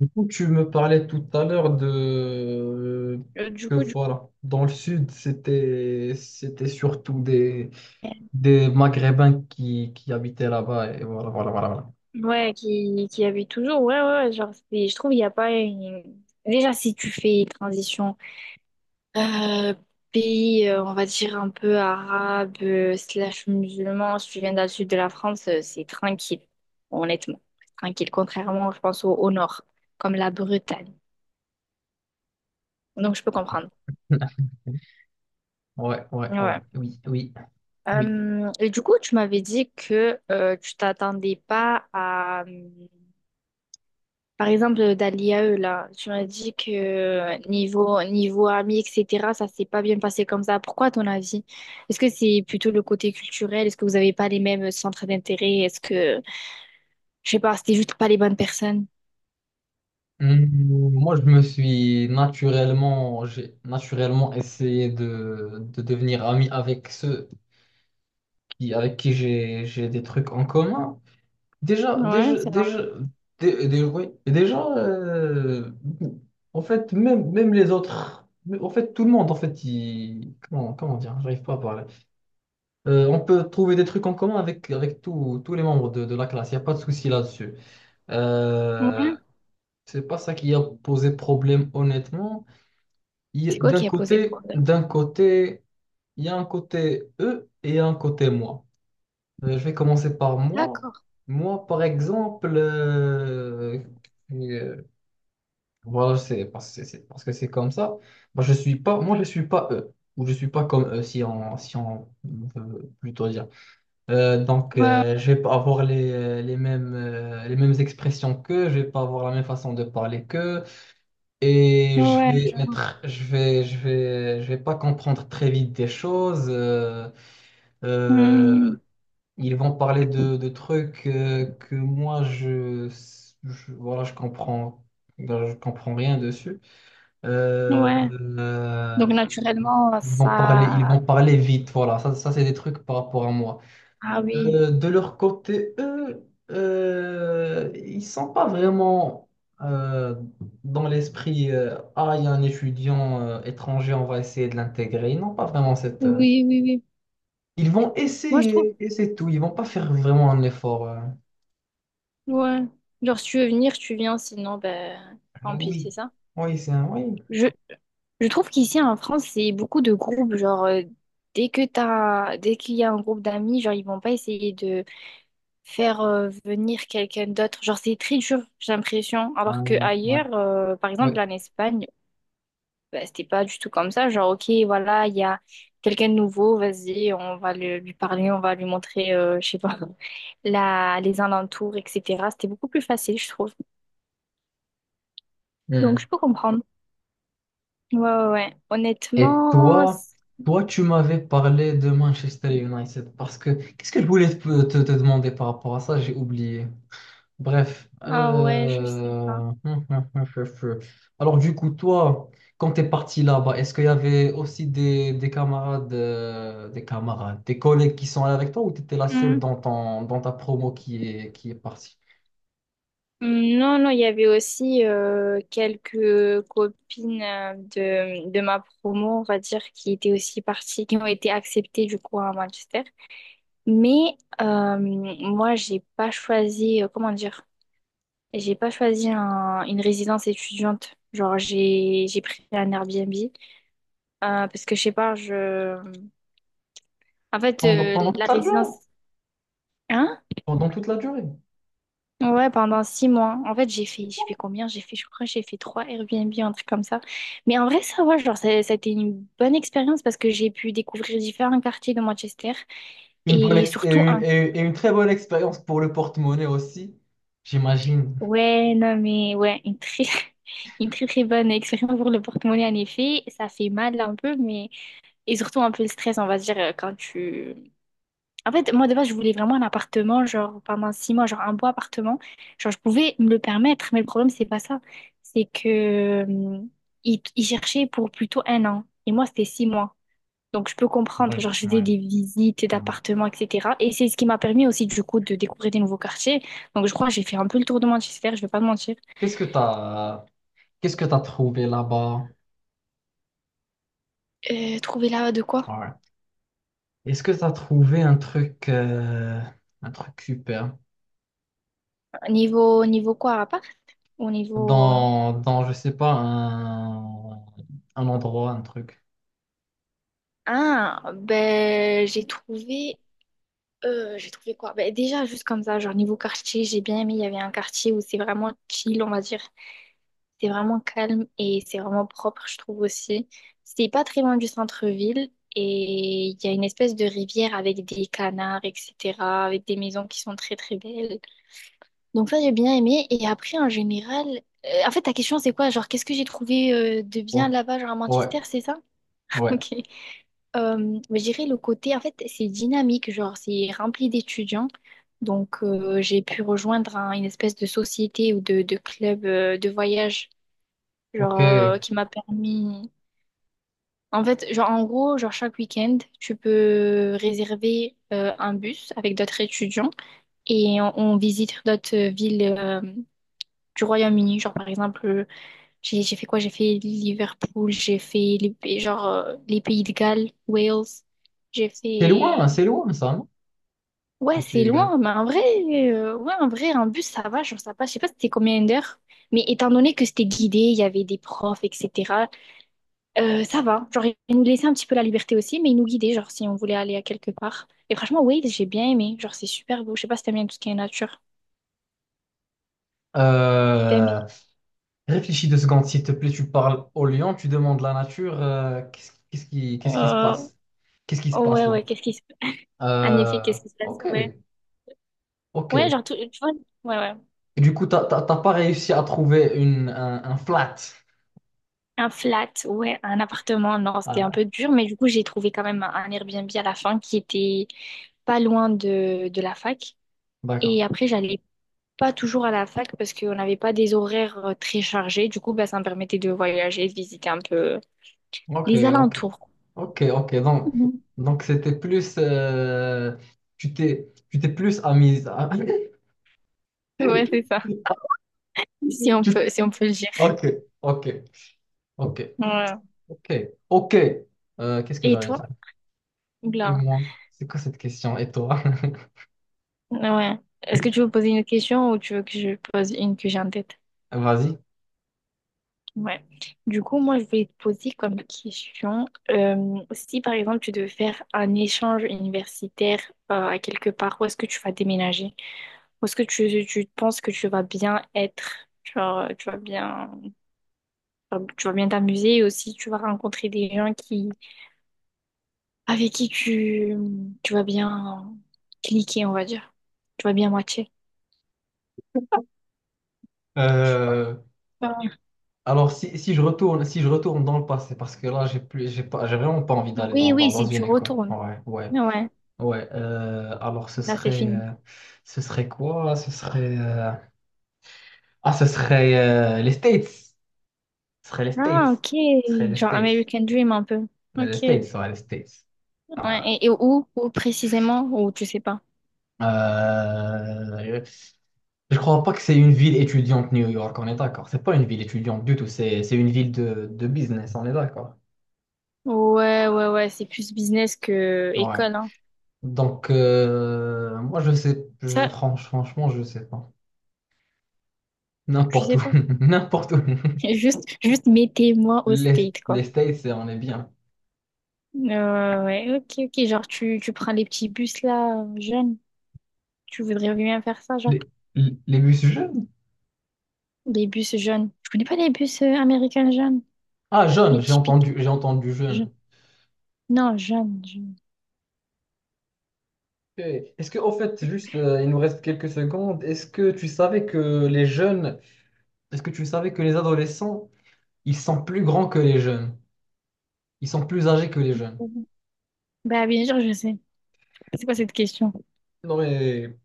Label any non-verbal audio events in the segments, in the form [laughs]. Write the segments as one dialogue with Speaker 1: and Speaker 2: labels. Speaker 1: Du coup, tu me parlais tout à l'heure de
Speaker 2: Euh, du
Speaker 1: que
Speaker 2: coup, du coup,
Speaker 1: voilà, dans le sud, c'était surtout des Maghrébins qui habitaient là-bas et voilà voilà voilà. voilà.
Speaker 2: ouais, qui habite toujours, ouais, ouais, ouais, genre, je trouve, il n'y a pas une... Déjà, si tu fais une transition euh, pays, on va dire, un peu arabe, slash musulman, si tu viens dans le sud de la France, c'est tranquille, honnêtement, c'est tranquille, contrairement, je pense, au nord, comme la Bretagne. Donc, je peux comprendre.
Speaker 1: [laughs] Ouais, ouais, ouais,
Speaker 2: Ouais.
Speaker 1: oui, oui, oui.
Speaker 2: Et du coup, tu m'avais dit que tu t'attendais pas à. Par exemple, dans l'IAE, là, tu m'as dit que niveau ami, etc., ça s'est pas bien passé comme ça. Pourquoi, à ton avis? Est-ce que c'est plutôt le côté culturel? Est-ce que vous n'avez pas les mêmes centres d'intérêt? Est-ce que, je sais pas, c'était juste pas les bonnes personnes?
Speaker 1: Moi, je me suis naturellement, j'ai naturellement essayé de devenir ami avec ceux qui, avec qui j'ai des trucs en commun. Déjà,
Speaker 2: Ouais,
Speaker 1: déjà,
Speaker 2: c'est
Speaker 1: déjà, dé- dé- oui, déjà, en fait, même les autres, mais en fait, tout le monde, en fait, il, comment dire, j'arrive pas à parler. On peut trouver des trucs en commun avec tous tous les membres de la classe, il n'y a pas de souci là-dessus. Euh,
Speaker 2: normal. Ouais.
Speaker 1: c'est pas ça qui a posé problème, honnêtement. Il y a...
Speaker 2: C'est quoi
Speaker 1: D'un
Speaker 2: qui a posé
Speaker 1: côté,
Speaker 2: problème?
Speaker 1: d'un côté, il y a un côté eux et il y a un côté moi. Je vais commencer par moi.
Speaker 2: D'accord.
Speaker 1: Moi, par exemple, euh, voilà, c'est parce que c'est comme ça. Moi, je suis pas eux, ou je suis pas comme eux, si on veut plutôt dire. Euh, donc,
Speaker 2: Ouais,
Speaker 1: euh, je vais pas avoir les mêmes, les mêmes expressions qu'eux, je vais pas avoir la même façon de parler qu'eux, et je
Speaker 2: ouais,
Speaker 1: vais
Speaker 2: je...
Speaker 1: être, je vais, je vais, je vais pas comprendre très vite des choses. Euh,
Speaker 2: Hmm,
Speaker 1: ils vont parler de trucs que voilà je je comprends rien dessus. Euh,
Speaker 2: ouais.
Speaker 1: euh,
Speaker 2: Donc, naturellement,
Speaker 1: ils vont parler ils vont
Speaker 2: ça...
Speaker 1: parler vite voilà ça c'est des trucs par rapport à moi.
Speaker 2: Ah oui.
Speaker 1: De leur côté eux ils sont pas vraiment euh, dans l'esprit, ah il y a un étudiant étranger on va essayer de l'intégrer, ils n'ont pas vraiment cette,
Speaker 2: Oui, oui, oui.
Speaker 1: ils vont
Speaker 2: Moi, je trouve...
Speaker 1: essayer et c'est tout, ils vont pas faire vraiment un effort.
Speaker 2: Ouais. Genre, si tu veux venir, tu viens, sinon, ben,
Speaker 1: Ah
Speaker 2: tant pis, c'est
Speaker 1: oui,
Speaker 2: ça?
Speaker 1: oui, c'est un oui.
Speaker 2: Je, Je trouve qu'ici en France, c'est beaucoup de groupes. Genre, dès qu'il y a un groupe d'amis, genre, ils vont pas essayer de faire venir quelqu'un d'autre. Genre, c'est très dur, j'ai l'impression.
Speaker 1: Ah,
Speaker 2: Alors que
Speaker 1: ouais,
Speaker 2: ailleurs, par exemple,
Speaker 1: ouais.
Speaker 2: en Espagne, bah, c'était pas du tout comme ça. Genre, ok, voilà, il y a quelqu'un de nouveau, vas-y, on va lui parler, on va lui montrer, je sais pas, [laughs] les alentours, etc. C'était beaucoup plus facile, je trouve. Donc,
Speaker 1: Hmm.
Speaker 2: je peux comprendre. Ouais, ouais, ouais.
Speaker 1: Et
Speaker 2: Honnêtement,
Speaker 1: toi, toi, tu m'avais parlé de Manchester United parce que qu'est-ce que je voulais te demander par rapport à ça? J'ai oublié. Bref.
Speaker 2: ah ouais, je sais pas.
Speaker 1: [laughs] Alors, du coup, toi, quand tu es parti là-bas, est-ce qu'il y avait aussi des camarades, des collègues qui sont allés avec toi, ou tu étais la seule dans ta promo qui est partie
Speaker 2: Non, non, il y avait aussi quelques copines de ma promo, on va dire, qui étaient aussi parties, qui ont été acceptées du coup à Manchester. Mais moi, j'ai pas choisi, comment dire, j'ai pas choisi une résidence étudiante. Genre, j'ai pris un Airbnb parce que je sais pas, je, en fait,
Speaker 1: pendant
Speaker 2: la
Speaker 1: toute la durée?
Speaker 2: résidence, hein?
Speaker 1: Pendant toute la durée?
Speaker 2: Ouais, pendant 6 mois. En fait, j'ai fait combien? J'ai fait, je crois, que j'ai fait trois Airbnb, un truc comme ça. Mais en vrai, ça va, genre, ça a été une bonne expérience parce que j'ai pu découvrir différents quartiers de Manchester
Speaker 1: Une bonne
Speaker 2: et
Speaker 1: exp- et
Speaker 2: surtout
Speaker 1: une,
Speaker 2: un,
Speaker 1: et une- Et une très bonne expérience pour le porte-monnaie aussi, j'imagine.
Speaker 2: ouais, non, mais ouais, une très, [laughs] une très, très bonne expérience pour le porte-monnaie, en effet. Ça fait mal un peu, mais, et surtout un peu le stress, on va se dire, quand tu, en fait, moi, de base, je voulais vraiment un appartement, genre, pendant 6 mois, genre, un beau appartement. Genre, je pouvais me le permettre, mais le problème, c'est pas ça. C'est que, euh, ils cherchaient pour plutôt un an. Et moi, c'était 6 mois. Donc, je peux
Speaker 1: Oui,
Speaker 2: comprendre. Genre, je
Speaker 1: oui.
Speaker 2: faisais des visites
Speaker 1: oui.
Speaker 2: d'appartements, etc. Et c'est ce qui m'a permis aussi, du coup, de découvrir des nouveaux quartiers. Donc, je crois que j'ai fait un peu le tour de Manchester, je vais pas te mentir.
Speaker 1: Qu'est-ce que t'as, qu'est-ce que t'as trouvé là-bas?
Speaker 2: Trouver là de quoi?
Speaker 1: Ouais. Est-ce que t'as trouvé un truc super
Speaker 2: Niveau quoi, à part? Au niveau...
Speaker 1: dans, je sais pas, un endroit, un truc?
Speaker 2: Ah, ben, j'ai trouvé... J'ai trouvé quoi? Ben, déjà, juste comme ça, genre niveau quartier, j'ai bien aimé. Il y avait un quartier où c'est vraiment chill, on va dire. C'est vraiment calme et c'est vraiment propre, je trouve aussi. C'est pas très loin du centre-ville et il y a une espèce de rivière avec des canards, etc., avec des maisons qui sont très très belles. Donc ça, j'ai bien aimé. Et après, en général, en fait, ta question, c'est quoi? Genre, qu'est-ce que j'ai trouvé de
Speaker 1: Ouais,
Speaker 2: bien là-bas, genre à
Speaker 1: ouais,
Speaker 2: Manchester, c'est ça? [laughs]
Speaker 1: ouais.
Speaker 2: Ok. Je dirais le côté, en fait, c'est dynamique, genre, c'est rempli d'étudiants. Donc, j'ai pu rejoindre une espèce de société ou de club de voyage,
Speaker 1: Ok.
Speaker 2: genre, qui m'a permis. En fait, genre, en gros, genre, chaque week-end, tu peux réserver un bus avec d'autres étudiants et on visite d'autres villes du Royaume-Uni. Genre, par exemple, j'ai fait quoi? J'ai fait Liverpool, j'ai fait genre, les pays de Galles, Wales. J'ai fait...
Speaker 1: C'est loin ça, non?
Speaker 2: Ouais,
Speaker 1: Les Pays
Speaker 2: c'est
Speaker 1: de Galles.
Speaker 2: loin, mais en vrai, ouais, en vrai, un bus, ça va, genre, ça passe. Je sais pas c'était combien d'heures, mais étant donné que c'était guidé, il y avait des profs, etc., ça va. Genre, ils nous laissaient un petit peu la liberté aussi, mais ils nous guidaient, genre, si on voulait aller à quelque part. Et franchement, Wales, j'ai bien aimé. Genre, c'est super beau. Je sais pas si t'aimes bien tout ce qui est nature. T'aimes?
Speaker 1: Euh, Réfléchis deux secondes, s'il te plaît. Tu parles au lion, tu demandes la nature. Qu'est-ce qui se
Speaker 2: Euh,
Speaker 1: passe? Qu'est-ce qui se passe
Speaker 2: ouais,
Speaker 1: là?
Speaker 2: ouais, qu'est-ce qui se... En effet,
Speaker 1: Euh,
Speaker 2: qu'est-ce qui se passe?
Speaker 1: ok,
Speaker 2: Ouais.
Speaker 1: ok.
Speaker 2: Ouais,
Speaker 1: Et
Speaker 2: genre, tu vois, ouais, ouais.
Speaker 1: du coup, t'as pas réussi à trouver un flat.
Speaker 2: Un flat, ouais, un appartement, non, c'était un
Speaker 1: Ah,
Speaker 2: peu dur, mais du coup, j'ai trouvé quand même un Airbnb à la fin qui était pas loin de la fac.
Speaker 1: d'accord.
Speaker 2: Et après, j'allais pas toujours à la fac parce qu'on n'avait pas des horaires très chargés. Du coup, bah, ça me permettait de voyager, de visiter un peu
Speaker 1: Ok,
Speaker 2: les
Speaker 1: ok.
Speaker 2: alentours. Quoi.
Speaker 1: Ok, ok.
Speaker 2: [laughs]
Speaker 1: Donc c'était plus. Tu t'es plus amise. à...
Speaker 2: Mhm. Ouais,
Speaker 1: [laughs]
Speaker 2: c'est ça, si on
Speaker 1: Tu...
Speaker 2: peut, si on peut le dire.
Speaker 1: Ok, ok, ok,
Speaker 2: Ouais.
Speaker 1: ok, ok. Qu'est-ce que
Speaker 2: Et
Speaker 1: j'allais dire?
Speaker 2: toi?
Speaker 1: Et
Speaker 2: Oula.
Speaker 1: moi, c'est quoi cette question? Et toi?
Speaker 2: Ouais. Est-ce que tu
Speaker 1: [laughs]
Speaker 2: veux poser une question ou tu veux que je pose une que j'ai en tête?
Speaker 1: Vas-y.
Speaker 2: Ouais. Du coup, moi, je vais te poser comme question, si par exemple tu devais faire un échange universitaire à quelque part, où est-ce que tu vas déménager? Où est-ce que tu penses que tu vas bien être? Genre, tu vas bien, enfin, tu vas bien t'amuser et aussi tu vas rencontrer des gens avec qui tu vas bien cliquer, on va dire. Tu vas bien matcher.
Speaker 1: Euh,
Speaker 2: Euh,
Speaker 1: alors, si je retourne dans le passé, parce que là, j'ai vraiment pas envie d'aller
Speaker 2: oui, oui,
Speaker 1: dans
Speaker 2: si tu
Speaker 1: une école.
Speaker 2: retournes.
Speaker 1: Ouais, ouais,
Speaker 2: Ouais,
Speaker 1: ouais. Alors,
Speaker 2: là c'est fini.
Speaker 1: ce serait quoi? Ah, ce serait les States. Ce serait les States.
Speaker 2: Ah, ok.
Speaker 1: Ce serait les
Speaker 2: Genre
Speaker 1: States.
Speaker 2: American Dream un peu.
Speaker 1: Les
Speaker 2: Ok. Ouais.
Speaker 1: States, ouais, les States. Ah, ouais.
Speaker 2: Et où précisément? Ou tu sais pas?
Speaker 1: Euh, je crois pas que c'est une ville étudiante New York, on est d'accord. C'est pas une ville étudiante du tout, c'est une ville de business, on est d'accord.
Speaker 2: Ouais, ouais, ouais. C'est plus business que
Speaker 1: Ouais.
Speaker 2: école, hein.
Speaker 1: Donc moi je sais je,
Speaker 2: Ça,
Speaker 1: franch- franchement je sais pas.
Speaker 2: tu
Speaker 1: N'importe
Speaker 2: sais
Speaker 1: où.
Speaker 2: pas.
Speaker 1: [laughs] N'importe où.
Speaker 2: [laughs] Juste mettez-moi au
Speaker 1: Les,
Speaker 2: state, quoi.
Speaker 1: les States, c'est... on est bien.
Speaker 2: Ouais, ok, ok. Genre, tu prends les petits bus là, jeunes. Tu voudrais bien faire ça, genre.
Speaker 1: Les, les bus jeunes?
Speaker 2: Les bus jeunes. Je connais pas les bus américains jeunes.
Speaker 1: Ah jeunes,
Speaker 2: Les typiques.
Speaker 1: j'ai entendu
Speaker 2: Jeunes.
Speaker 1: jeunes.
Speaker 2: Non, jeunes. Jeunes.
Speaker 1: Eh, est-ce que au fait juste il nous reste quelques secondes, est-ce que tu savais que les jeunes, est-ce que tu savais que les adolescents, ils sont plus grands que les jeunes? Ils sont plus âgés que les jeunes.
Speaker 2: Bah, bien sûr, je sais. C'est quoi cette question?
Speaker 1: Non mais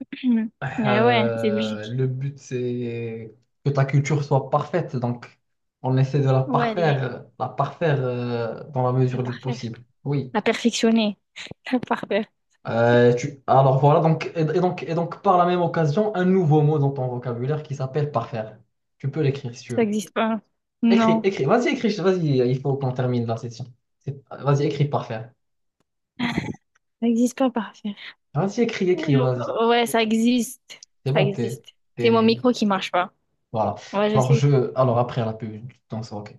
Speaker 2: [clears throat] Ah ouais, c'est logique.
Speaker 1: le but c'est que ta culture soit parfaite, donc on essaie de
Speaker 2: Ouais, elle est
Speaker 1: la parfaire dans la
Speaker 2: la
Speaker 1: mesure du
Speaker 2: parfaire.
Speaker 1: possible. Oui.
Speaker 2: La perfectionnée. [laughs] La parfaire.
Speaker 1: Tu... Alors voilà, donc, et donc par la même occasion, un nouveau mot dans ton vocabulaire qui s'appelle parfaire. Tu peux l'écrire si tu
Speaker 2: Ça
Speaker 1: veux.
Speaker 2: n'existe pas.
Speaker 1: Écris,
Speaker 2: Non,
Speaker 1: écris, vas-y, il faut qu'on termine la session. C'est... Vas-y, écris parfaire.
Speaker 2: ça n'existe pas parfaire.
Speaker 1: Vas-y, écris, écris, vas-y.
Speaker 2: Ouais, ça existe.
Speaker 1: C'est
Speaker 2: Ça
Speaker 1: bon, t'es,
Speaker 2: existe. C'est mon
Speaker 1: t'es...
Speaker 2: micro qui marche pas.
Speaker 1: Voilà.
Speaker 2: Ouais, je
Speaker 1: Alors
Speaker 2: sais
Speaker 1: je. Alors après la pub, je t'en sors, ok.